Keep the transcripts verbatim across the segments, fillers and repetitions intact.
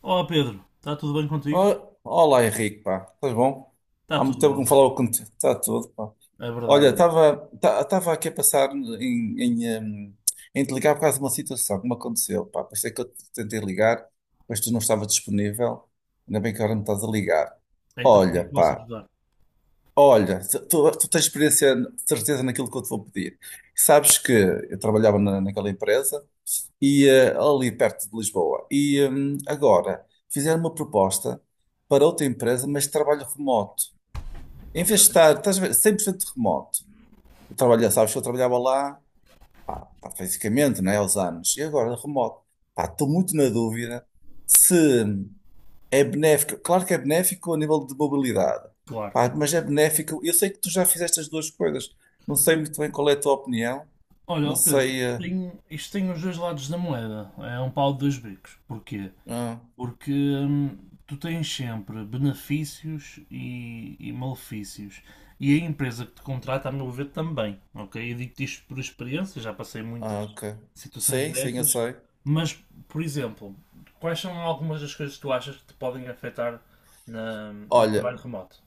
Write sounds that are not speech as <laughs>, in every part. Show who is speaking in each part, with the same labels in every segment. Speaker 1: Olá Pedro, está tudo bem contigo?
Speaker 2: Oh, olá Henrique, pá, estás bom?
Speaker 1: Está
Speaker 2: Há muito
Speaker 1: tudo
Speaker 2: tempo que não
Speaker 1: ótimo,
Speaker 2: falava contigo, está tudo, pá.
Speaker 1: é verdade.
Speaker 2: Olha, estava tá- estava aqui a pensar em, em, hum, em te ligar por causa de uma situação que me aconteceu, pá. Pensei que eu te tentei ligar, mas tu não estava disponível, ainda bem que agora me estás a ligar.
Speaker 1: Então, o que é
Speaker 2: Olha,
Speaker 1: que posso
Speaker 2: pá,
Speaker 1: ajudar?
Speaker 2: olha, tu, tu- tu tens experiência, certeza naquilo que eu te vou pedir. Sabes que eu trabalhava na, naquela empresa e, eh, ali perto de Lisboa. E hum, agora fizeram uma proposta para outra empresa, mas de trabalho remoto. Em vez de estar, estás a ver, cem por cento remoto. Eu trabalho, sabes que eu trabalhava lá, pá, pá, fisicamente, não é, aos anos. E agora remoto. Pá, estou muito na dúvida se é benéfico. Claro que é benéfico a nível de mobilidade.
Speaker 1: Claro.
Speaker 2: Pá,
Speaker 1: Claro.
Speaker 2: mas é benéfico. Eu sei que tu já fizeste as duas coisas. Não sei muito bem qual é a tua opinião.
Speaker 1: Olha,
Speaker 2: Não
Speaker 1: ó Pedro,
Speaker 2: sei. eh,
Speaker 1: tem- isto tem os dois lados da moeda. É um pau de dois bicos. Porquê?
Speaker 2: ah,
Speaker 1: Porque hum, tu tens sempre benefícios e, e malefícios. E a empresa que te contrata, a meu ver, também. Ok? Eu digo-te isto por experiência, já passei muitas
Speaker 2: Ah, ok.
Speaker 1: situações
Speaker 2: Sim, sim, eu
Speaker 1: dessas.
Speaker 2: sei.
Speaker 1: Mas, por exemplo, quais são algumas das coisas que tu achas que te podem afetar na- no
Speaker 2: Olha,
Speaker 1: trabalho remoto?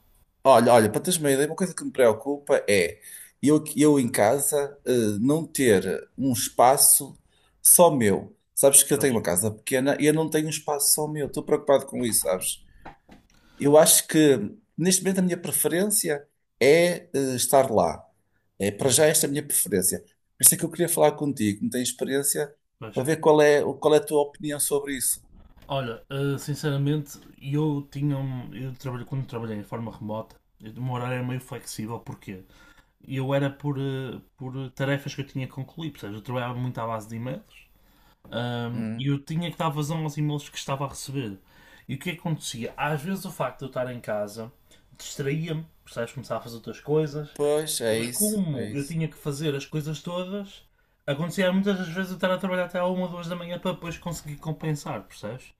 Speaker 2: olha, olha, para teres uma ideia, uma coisa que me preocupa é eu, eu em casa eh, não ter um espaço só meu. Sabes que eu
Speaker 1: Pois,
Speaker 2: tenho uma casa pequena e eu não tenho um espaço só meu. Estou preocupado com isso, sabes? Eu acho que neste momento a minha preferência é eh, estar lá. É, para já esta é a minha preferência. Por isso é que eu queria falar contigo, me tens experiência, para
Speaker 1: pois.
Speaker 2: ver qual é, qual é a tua opinião sobre isso.
Speaker 1: Olha, eh, sinceramente, eu tinha um, eu trabalho, quando trabalhei em forma remota, eu- o meu horário era meio flexível, porquê? Eu era por, eh, por tarefas que eu tinha que concluir, portanto, eu trabalhava muito à base de e-mails ahm, e
Speaker 2: Hum,
Speaker 1: eu tinha que dar vazão aos e-mails que estava a receber. E o que acontecia? Às vezes o facto de eu estar em casa distraía-me, percebes? Começava a fazer outras coisas,
Speaker 2: pois, é
Speaker 1: mas
Speaker 2: isso, é
Speaker 1: como eu
Speaker 2: isso.
Speaker 1: tinha que fazer as coisas todas, acontecia muitas das vezes eu estar a trabalhar até à uma ou duas da manhã para depois conseguir compensar, percebes?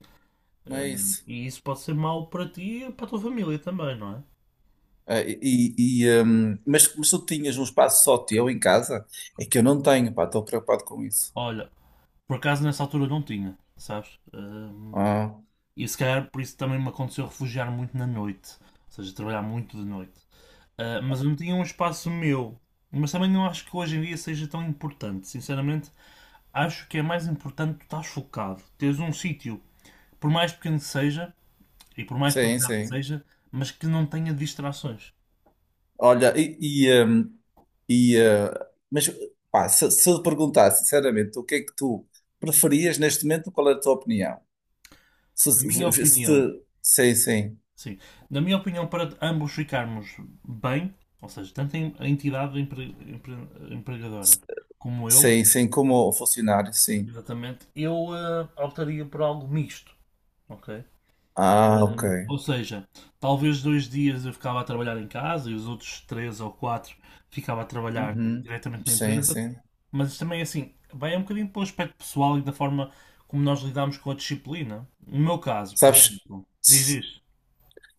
Speaker 2: Não é
Speaker 1: Ahm,
Speaker 2: isso.
Speaker 1: e isso pode ser mau para ti e para a tua família também, não é?
Speaker 2: Ah, e, e, hum, mas, mas tu tinhas um espaço só teu em casa? É que eu não tenho, pá, estou preocupado com isso.
Speaker 1: Olha, por acaso nessa altura não tinha, sabes? Ahm,
Speaker 2: Ah,
Speaker 1: E se calhar por isso também me aconteceu refugiar muito na noite. Ou seja, trabalhar muito de noite. Ah, mas eu não tinha um espaço meu. Mas também não acho que hoje em dia seja tão importante. Sinceramente, acho que é mais importante tu estás focado. Teres um sítio, por mais pequeno que seja, e por mais
Speaker 2: sim,
Speaker 1: pesado que
Speaker 2: sim.
Speaker 1: seja, mas que não tenha distrações.
Speaker 2: Olha, e, e, hum, e, ah, mas pá, se, se eu te perguntasse sinceramente o que é que tu preferias neste momento, qual é a tua opinião? Se,
Speaker 1: Na minha
Speaker 2: se, se
Speaker 1: opinião,
Speaker 2: te- sim, sim,
Speaker 1: sim. Na minha opinião, para ambos ficarmos bem, ou seja, tanto a entidade empre- empre- empregadora como eu.
Speaker 2: sim, sim, como funcionário, sim.
Speaker 1: Exatamente. Eu eh, optaria por algo misto, ok?
Speaker 2: Ah, ok.
Speaker 1: Hum, ou seja, talvez dois dias eu ficava a trabalhar em casa e os outros três ou quatro ficava a trabalhar
Speaker 2: Uhum.
Speaker 1: diretamente na
Speaker 2: Sim,
Speaker 1: empresa.
Speaker 2: sim.
Speaker 1: Mas isto também é assim, vai um bocadinho para o aspecto pessoal e da forma como nós lidamos com a disciplina. No meu caso, por
Speaker 2: Sabes?
Speaker 1: exemplo, diz isto.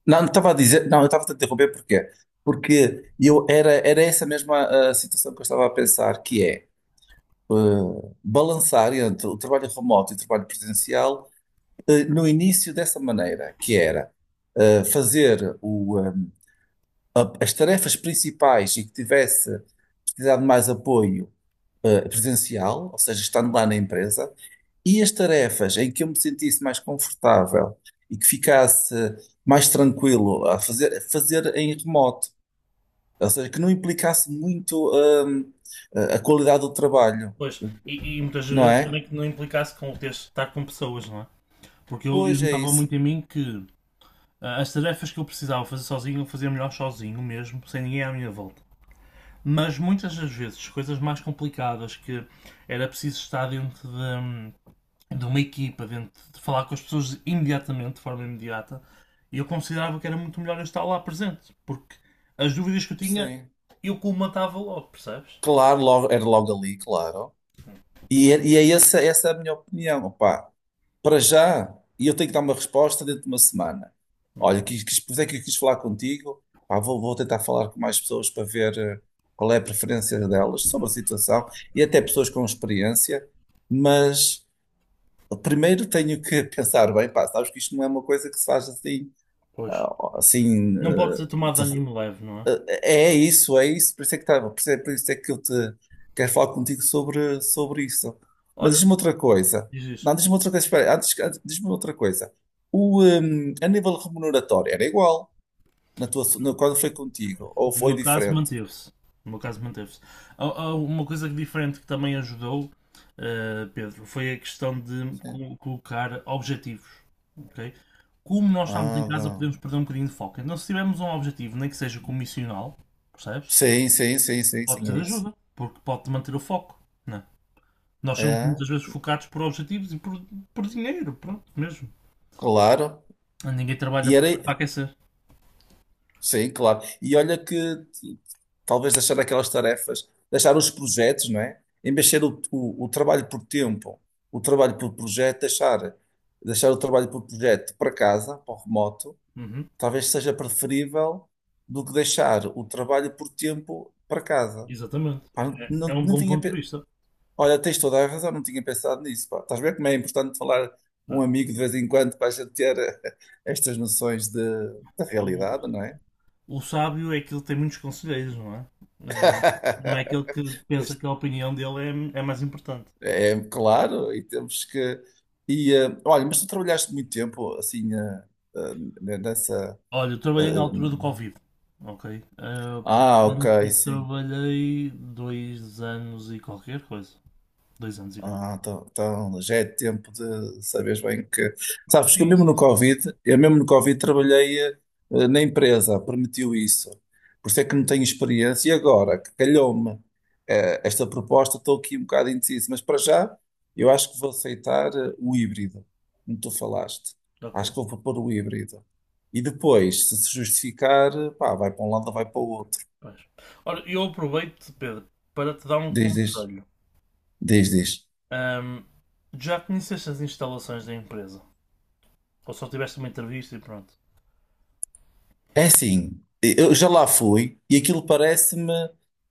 Speaker 2: Não, não estava a dizer, não, eu estava a te interromper porquê? Porque eu era, era essa mesma ah, situação que eu estava a pensar, que é ah, balançar entre o trabalho remoto e o trabalho presencial ah, no início dessa maneira, que era ah, fazer o, ah, a- as tarefas principais e que tivesse precisado de mais apoio ah, presencial, ou seja, estando lá na empresa, e as tarefas em que eu me sentisse mais confortável e que ficasse mais tranquilo a fazer, fazer em remoto. Ou seja, que não implicasse muito, hum, a a qualidade do trabalho,
Speaker 1: Pois, e, e muitas
Speaker 2: não
Speaker 1: vezes também
Speaker 2: é?
Speaker 1: que não implicasse com o ter de estar com pessoas, não é? Porque eu, eu
Speaker 2: Pois é
Speaker 1: notava
Speaker 2: isso.
Speaker 1: muito em mim que, ah, as tarefas que eu precisava fazer sozinho, eu fazia melhor sozinho mesmo, sem ninguém à minha volta. Mas muitas das vezes, coisas mais complicadas que era preciso estar dentro de, hum, de uma equipa, dentro de falar com as pessoas imediatamente, de forma imediata, e eu considerava que era muito melhor eu estar lá presente, porque as dúvidas que eu tinha,
Speaker 2: Sim.
Speaker 1: eu colmatava logo, percebes?
Speaker 2: Claro, logo, era logo ali, claro. E é, e é essa, essa é a minha opinião. Opá, para já, e eu tenho que dar uma resposta dentro de uma semana. Olha, quis, quis, por isso é que eu quis falar contigo. Pá, vou, vou tentar falar com mais pessoas para ver eh, qual é a preferência delas sobre a situação e até pessoas com experiência. Mas primeiro tenho que <laughs> pensar bem, pá, sabes que isto não é uma coisa que se faz assim.
Speaker 1: Pois.
Speaker 2: Ah, assim,
Speaker 1: Não pode
Speaker 2: eh,
Speaker 1: ser tomado de
Speaker 2: te-
Speaker 1: ânimo leve, não é?
Speaker 2: eh, é isso, é isso, por isso é que estava, por isso é, por isso é que eu te quero falar contigo sobre, sobre isso. Mas
Speaker 1: Olha,
Speaker 2: diz-me outra coisa.
Speaker 1: diz isso.
Speaker 2: Não, diz-me outra coisa, espera, antes, antes- diz-me outra coisa. O, hum, a nível remuneratório era igual na tua, no- quando foi contigo, ou
Speaker 1: No
Speaker 2: foi
Speaker 1: meu caso,
Speaker 2: diferente?
Speaker 1: manteve-se. No meu caso, manteve-se. Há- há Uma coisa diferente que também ajudou, eh, Pedro: foi a questão de
Speaker 2: Sim.
Speaker 1: co- colocar objetivos. Ok? Como nós estamos em
Speaker 2: Ah,
Speaker 1: casa,
Speaker 2: bom.
Speaker 1: podemos perder um bocadinho de foco. Então, se tivermos um objetivo, nem que seja comissional, percebes?
Speaker 2: Sim, sim, sim, sim,
Speaker 1: Pode
Speaker 2: sim,
Speaker 1: ser
Speaker 2: é isso.
Speaker 1: ajuda, porque pode manter o foco, não é? Nós somos
Speaker 2: É,
Speaker 1: muitas vezes focados por objetivos e por, por dinheiro, pronto, mesmo.
Speaker 2: claro.
Speaker 1: Ninguém trabalha
Speaker 2: E era.
Speaker 1: para, para aquecer.
Speaker 2: Sim, claro. E olha que t- talvez deixar aquelas tarefas, deixar os projetos, não é? Em vez de ser o, o, o trabalho por tempo, o trabalho por projeto, deixar, deixar o trabalho por projeto para casa, para o remoto,
Speaker 1: Uhum.
Speaker 2: talvez seja preferível do que deixar o trabalho por tempo para casa.
Speaker 1: Exatamente.
Speaker 2: Pá, não,
Speaker 1: É, é
Speaker 2: não,
Speaker 1: um
Speaker 2: não
Speaker 1: bom
Speaker 2: tinha.
Speaker 1: ponto de
Speaker 2: pe-
Speaker 1: vista,
Speaker 2: Olha, tens toda a razão, não tinha pensado nisso. Pá. Estás a ver como é importante falar
Speaker 1: não
Speaker 2: com um
Speaker 1: é?
Speaker 2: amigo de vez em quando para a gente ter <laughs> eh, estas noções de, da
Speaker 1: O-
Speaker 2: realidade, não é?
Speaker 1: O sábio é aquele que tem muitos conselheiros, não é? Ah, não é aquele
Speaker 2: <laughs>
Speaker 1: que
Speaker 2: Pois,
Speaker 1: pensa que a opinião dele é, é mais importante.
Speaker 2: é é claro, e temos que. E, eh, olha, mas tu trabalhaste muito tempo assim eh, eh, nessa.
Speaker 1: Olha, eu
Speaker 2: eh,
Speaker 1: trabalhei na altura do
Speaker 2: hum,
Speaker 1: Covid, ok? Ah,
Speaker 2: ah, ok,
Speaker 1: portanto, eu
Speaker 2: sim.
Speaker 1: trabalhei dois anos e qualquer coisa. Dois anos e qualquer
Speaker 2: Ah,
Speaker 1: coisa.
Speaker 2: então, então já é tempo de saberes bem que. Sabes que eu
Speaker 1: Sim,
Speaker 2: mesmo
Speaker 1: sim,
Speaker 2: no
Speaker 1: sim.
Speaker 2: Covid, eu mesmo no Covid trabalhei eh, na empresa, permitiu isso. Por isso é que não tenho experiência. E agora, que calhou-me eh, esta proposta, estou aqui um bocado indeciso, mas para já eu acho que vou aceitar eh, o híbrido, como tu falaste.
Speaker 1: Ok,
Speaker 2: Acho que vou propor o híbrido. E depois, se se justificar, eh, pá, vai para um lado ou vai para o outro.
Speaker 1: pois. Ora, eu aproveito, Pedro, para te dar um
Speaker 2: Diz, diz,
Speaker 1: conselho.
Speaker 2: diz, diz.
Speaker 1: Ahm, Já conheceste as instalações da empresa? Ou só tiveste uma entrevista e pronto?
Speaker 2: É assim, eu já lá fui e aquilo parece-me.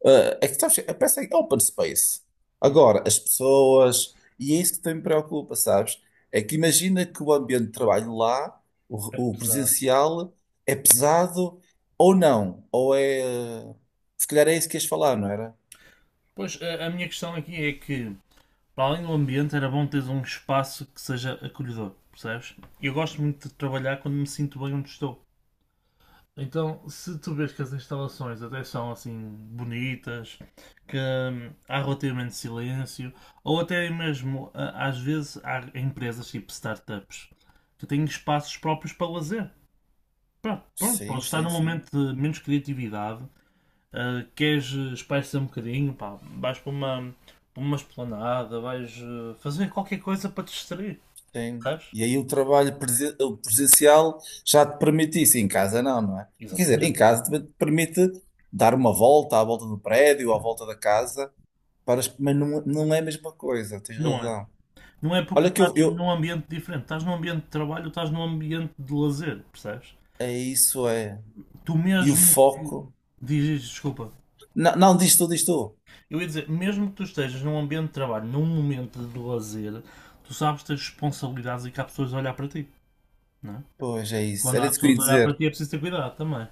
Speaker 2: eh, É que sabes, que- parece que é open space.
Speaker 1: Uhum.
Speaker 2: Agora, as pessoas. E é isso que também me preocupa, sabes? É que imagina que o ambiente de trabalho lá,
Speaker 1: É
Speaker 2: o, o
Speaker 1: pesado.
Speaker 2: presencial, é pesado ou não. Ou é. eh, Se calhar é isso que ias falar, não era?
Speaker 1: Pois, a, a minha questão aqui é que, para além do ambiente, era bom teres um espaço que seja acolhedor, percebes? Eu gosto muito de trabalhar quando me sinto bem onde estou. Então, se tu vês que as instalações até são assim bonitas, que, hum, há relativamente silêncio, ou até mesmo, às vezes, há empresas tipo startups que têm espaços próprios para lazer. Pá, pronto,
Speaker 2: Sim,
Speaker 1: podes estar
Speaker 2: sim,
Speaker 1: num
Speaker 2: sim.
Speaker 1: momento de menos criatividade, ah, queres espairecer um bocadinho, pá, vais para uma, para uma, esplanada, vais, ah, fazer qualquer coisa para te distrair,
Speaker 2: Sim.
Speaker 1: sabes?
Speaker 2: E aí o trabalho presen- o presencial já te permite isso, em casa não, não é? Quer dizer, em
Speaker 1: Exatamente.
Speaker 2: casa também te permite dar uma volta à volta do prédio, à volta da casa, para, as- mas não, não é a mesma coisa, tens
Speaker 1: Não é?
Speaker 2: razão.
Speaker 1: Não é porque tu
Speaker 2: Olha que
Speaker 1: estás
Speaker 2: eu, eu...
Speaker 1: num ambiente diferente, estás num ambiente de trabalho, estás num ambiente de lazer, percebes?
Speaker 2: É isso, é.
Speaker 1: Tu
Speaker 2: E o
Speaker 1: mesmo que.
Speaker 2: foco...
Speaker 1: Diz, diz, desculpa.
Speaker 2: Não, não, diz tu, diz tu.
Speaker 1: Eu ia dizer, mesmo que tu estejas num ambiente de trabalho, num momento de lazer, tu sabes ter responsabilidades e que há pessoas a olhar para ti, não é?
Speaker 2: Pois, é
Speaker 1: E
Speaker 2: isso.
Speaker 1: quando
Speaker 2: Era
Speaker 1: há
Speaker 2: isso que eu ia
Speaker 1: pessoas a olhar para
Speaker 2: dizer.
Speaker 1: ti é preciso ter cuidado também.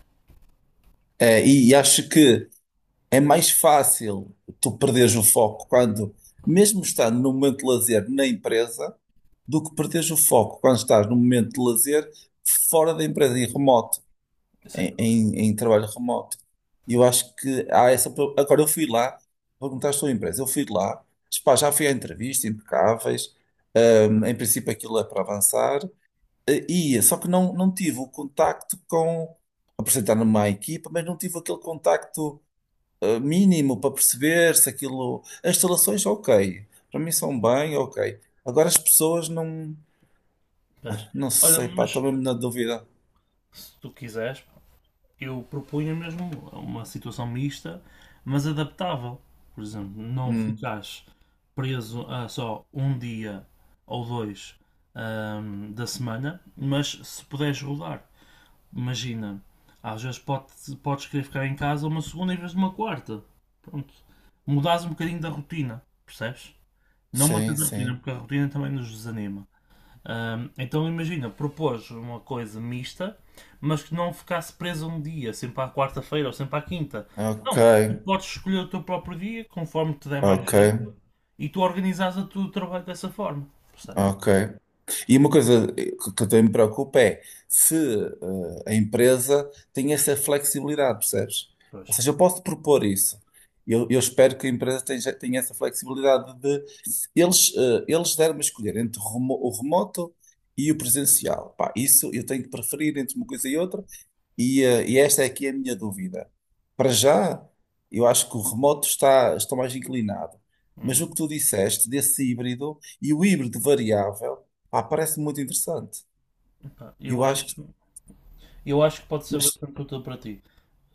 Speaker 2: É, e, e acho que é mais fácil tu perderes o foco quando, mesmo estando no momento de lazer na empresa, do que perderes o foco quando estás num momento de lazer fora da empresa, em remoto, em, em, em trabalho remoto. E eu acho que há essa. pro- Agora, eu fui lá, perguntaste à sua empresa, eu fui lá, pá, já fui à entrevista, impecáveis, hum, em princípio aquilo é para avançar, eh, e ia, só que não, não tive o contacto com. Apresentar-me à equipa, mas não tive aquele contacto. eh, Mínimo para perceber se aquilo. As instalações, ok. Para mim são bem, ok. Agora as pessoas não.
Speaker 1: Mas,
Speaker 2: Não
Speaker 1: olha,
Speaker 2: sei, pá,
Speaker 1: mas
Speaker 2: estou mesmo na dúvida.
Speaker 1: se tu quiseres, eu propunha mesmo uma situação mista, mas adaptável. Por exemplo, não
Speaker 2: Hum,
Speaker 1: ficares preso a só um dia ou dois, ahm, da semana, mas se puderes rodar, imagina, às vezes pode, podes querer ficar em casa uma segunda em vez de uma quarta. Pronto. Mudares um bocadinho da rotina, percebes? Não
Speaker 2: sim,
Speaker 1: mantens a rotina,
Speaker 2: sim.
Speaker 1: porque a rotina também nos desanima. Ahm, então imagina, propôs uma coisa mista, mas que não ficasse preso um dia, sempre à quarta-feira ou sempre à quinta.
Speaker 2: Ok,
Speaker 1: Não, tu podes escolher o teu próprio dia, conforme te der mais
Speaker 2: ok,
Speaker 1: jeito, e tu organizas o teu trabalho dessa forma. Percebes?
Speaker 2: ok. E uma coisa que que também me preocupa é se eh, a empresa tem essa flexibilidade, percebes? Ou
Speaker 1: Pois.
Speaker 2: seja, eu posso propor isso. Eu, eu espero que a empresa tenha, tenha essa flexibilidade de eles, eh, eles deram-me a escolher entre o remo- o remoto e o presencial. Pá, isso eu tenho que preferir entre uma coisa e outra. E, eh, e esta é aqui a minha dúvida. Para já, eu acho que o remoto está, está mais inclinado. Mas o que
Speaker 1: Uhum.
Speaker 2: tu disseste desse híbrido e o híbrido variável, pá, parece muito interessante.
Speaker 1: Pá,
Speaker 2: Eu
Speaker 1: Eu
Speaker 2: acho
Speaker 1: acho,
Speaker 2: que.
Speaker 1: eu acho que pode ser
Speaker 2: Mas.
Speaker 1: bastante útil para ti,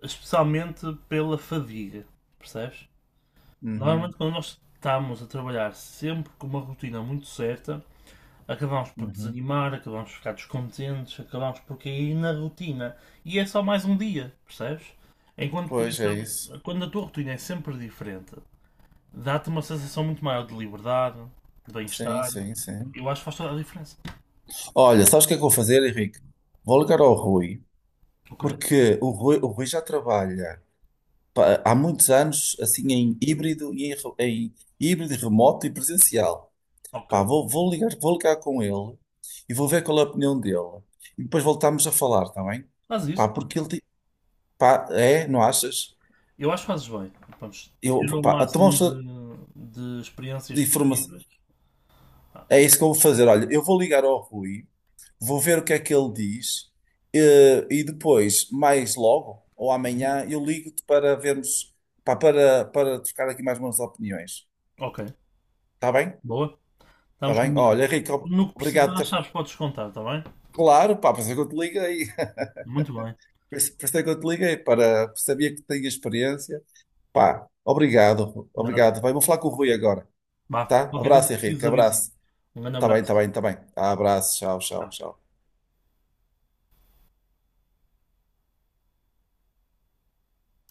Speaker 1: especialmente pela fadiga, percebes?
Speaker 2: Uhum,
Speaker 1: Normalmente quando nós estamos a trabalhar sempre com uma rotina muito certa, acabamos por
Speaker 2: uhum.
Speaker 1: desanimar, acabamos por ficar descontentes, acabamos por cair na rotina. E é só mais um dia, percebes? Enquanto podia
Speaker 2: Pois
Speaker 1: ser,
Speaker 2: é isso.
Speaker 1: quando a tua rotina é sempre diferente, dá-te uma sensação muito maior de liberdade, de
Speaker 2: Sim,
Speaker 1: bem-estar.
Speaker 2: sim, sim.
Speaker 1: Eu acho que faz toda a diferença.
Speaker 2: Olha, sabes o que é que eu vou fazer, Henrique? Vou ligar ao Rui,
Speaker 1: Ok.
Speaker 2: porque o Rui, o Rui já trabalha pá, há muitos anos assim em híbrido e em, re- em híbrido remoto e presencial.
Speaker 1: Ok.
Speaker 2: Pá, vou, vou ligar, vou ligar com ele e vou ver qual é a opinião dele. E depois voltamos a falar, está bem?
Speaker 1: Faz
Speaker 2: Pá,
Speaker 1: isso.
Speaker 2: porque ele, ti- pá, é, não achas?
Speaker 1: Eu acho que fazes bem. Vamos
Speaker 2: Eu,
Speaker 1: ter o
Speaker 2: pá, a tomar
Speaker 1: máximo de, de experiências
Speaker 2: de informação,
Speaker 1: possíveis. Ah,
Speaker 2: é
Speaker 1: e-
Speaker 2: isso que eu vou fazer. Olha, eu vou ligar ao Rui, vou ver o que é que ele diz eh, e, depois, mais logo ou amanhã, eu ligo-te para vermos, pá, para, para trocar aqui mais umas opiniões.
Speaker 1: Ok.
Speaker 2: Está bem?
Speaker 1: Boa.
Speaker 2: Está
Speaker 1: Estamos
Speaker 2: bem? Olha,
Speaker 1: combinados.
Speaker 2: Rico,
Speaker 1: No que
Speaker 2: obrigado por
Speaker 1: precisares,
Speaker 2: ter...
Speaker 1: sabes, podes contar, está bem?
Speaker 2: Claro, pá, pensei que eu te liguei.
Speaker 1: Muito bem.
Speaker 2: Por isso por isso é que eu te liguei, para sabia que tinha experiência. Pá, obrigado,
Speaker 1: Nada.
Speaker 2: obrigado. Vai, vou falar com o Rui agora,
Speaker 1: Vá,
Speaker 2: tá?
Speaker 1: qualquer coisa
Speaker 2: Abraço,
Speaker 1: que precises
Speaker 2: Henrique,
Speaker 1: avisar.
Speaker 2: abraço.
Speaker 1: Um grande
Speaker 2: Tá bem, tá
Speaker 1: abraço.
Speaker 2: bem, tá bem. Abraço, tchau, tchau,
Speaker 1: Tchau.
Speaker 2: tchau.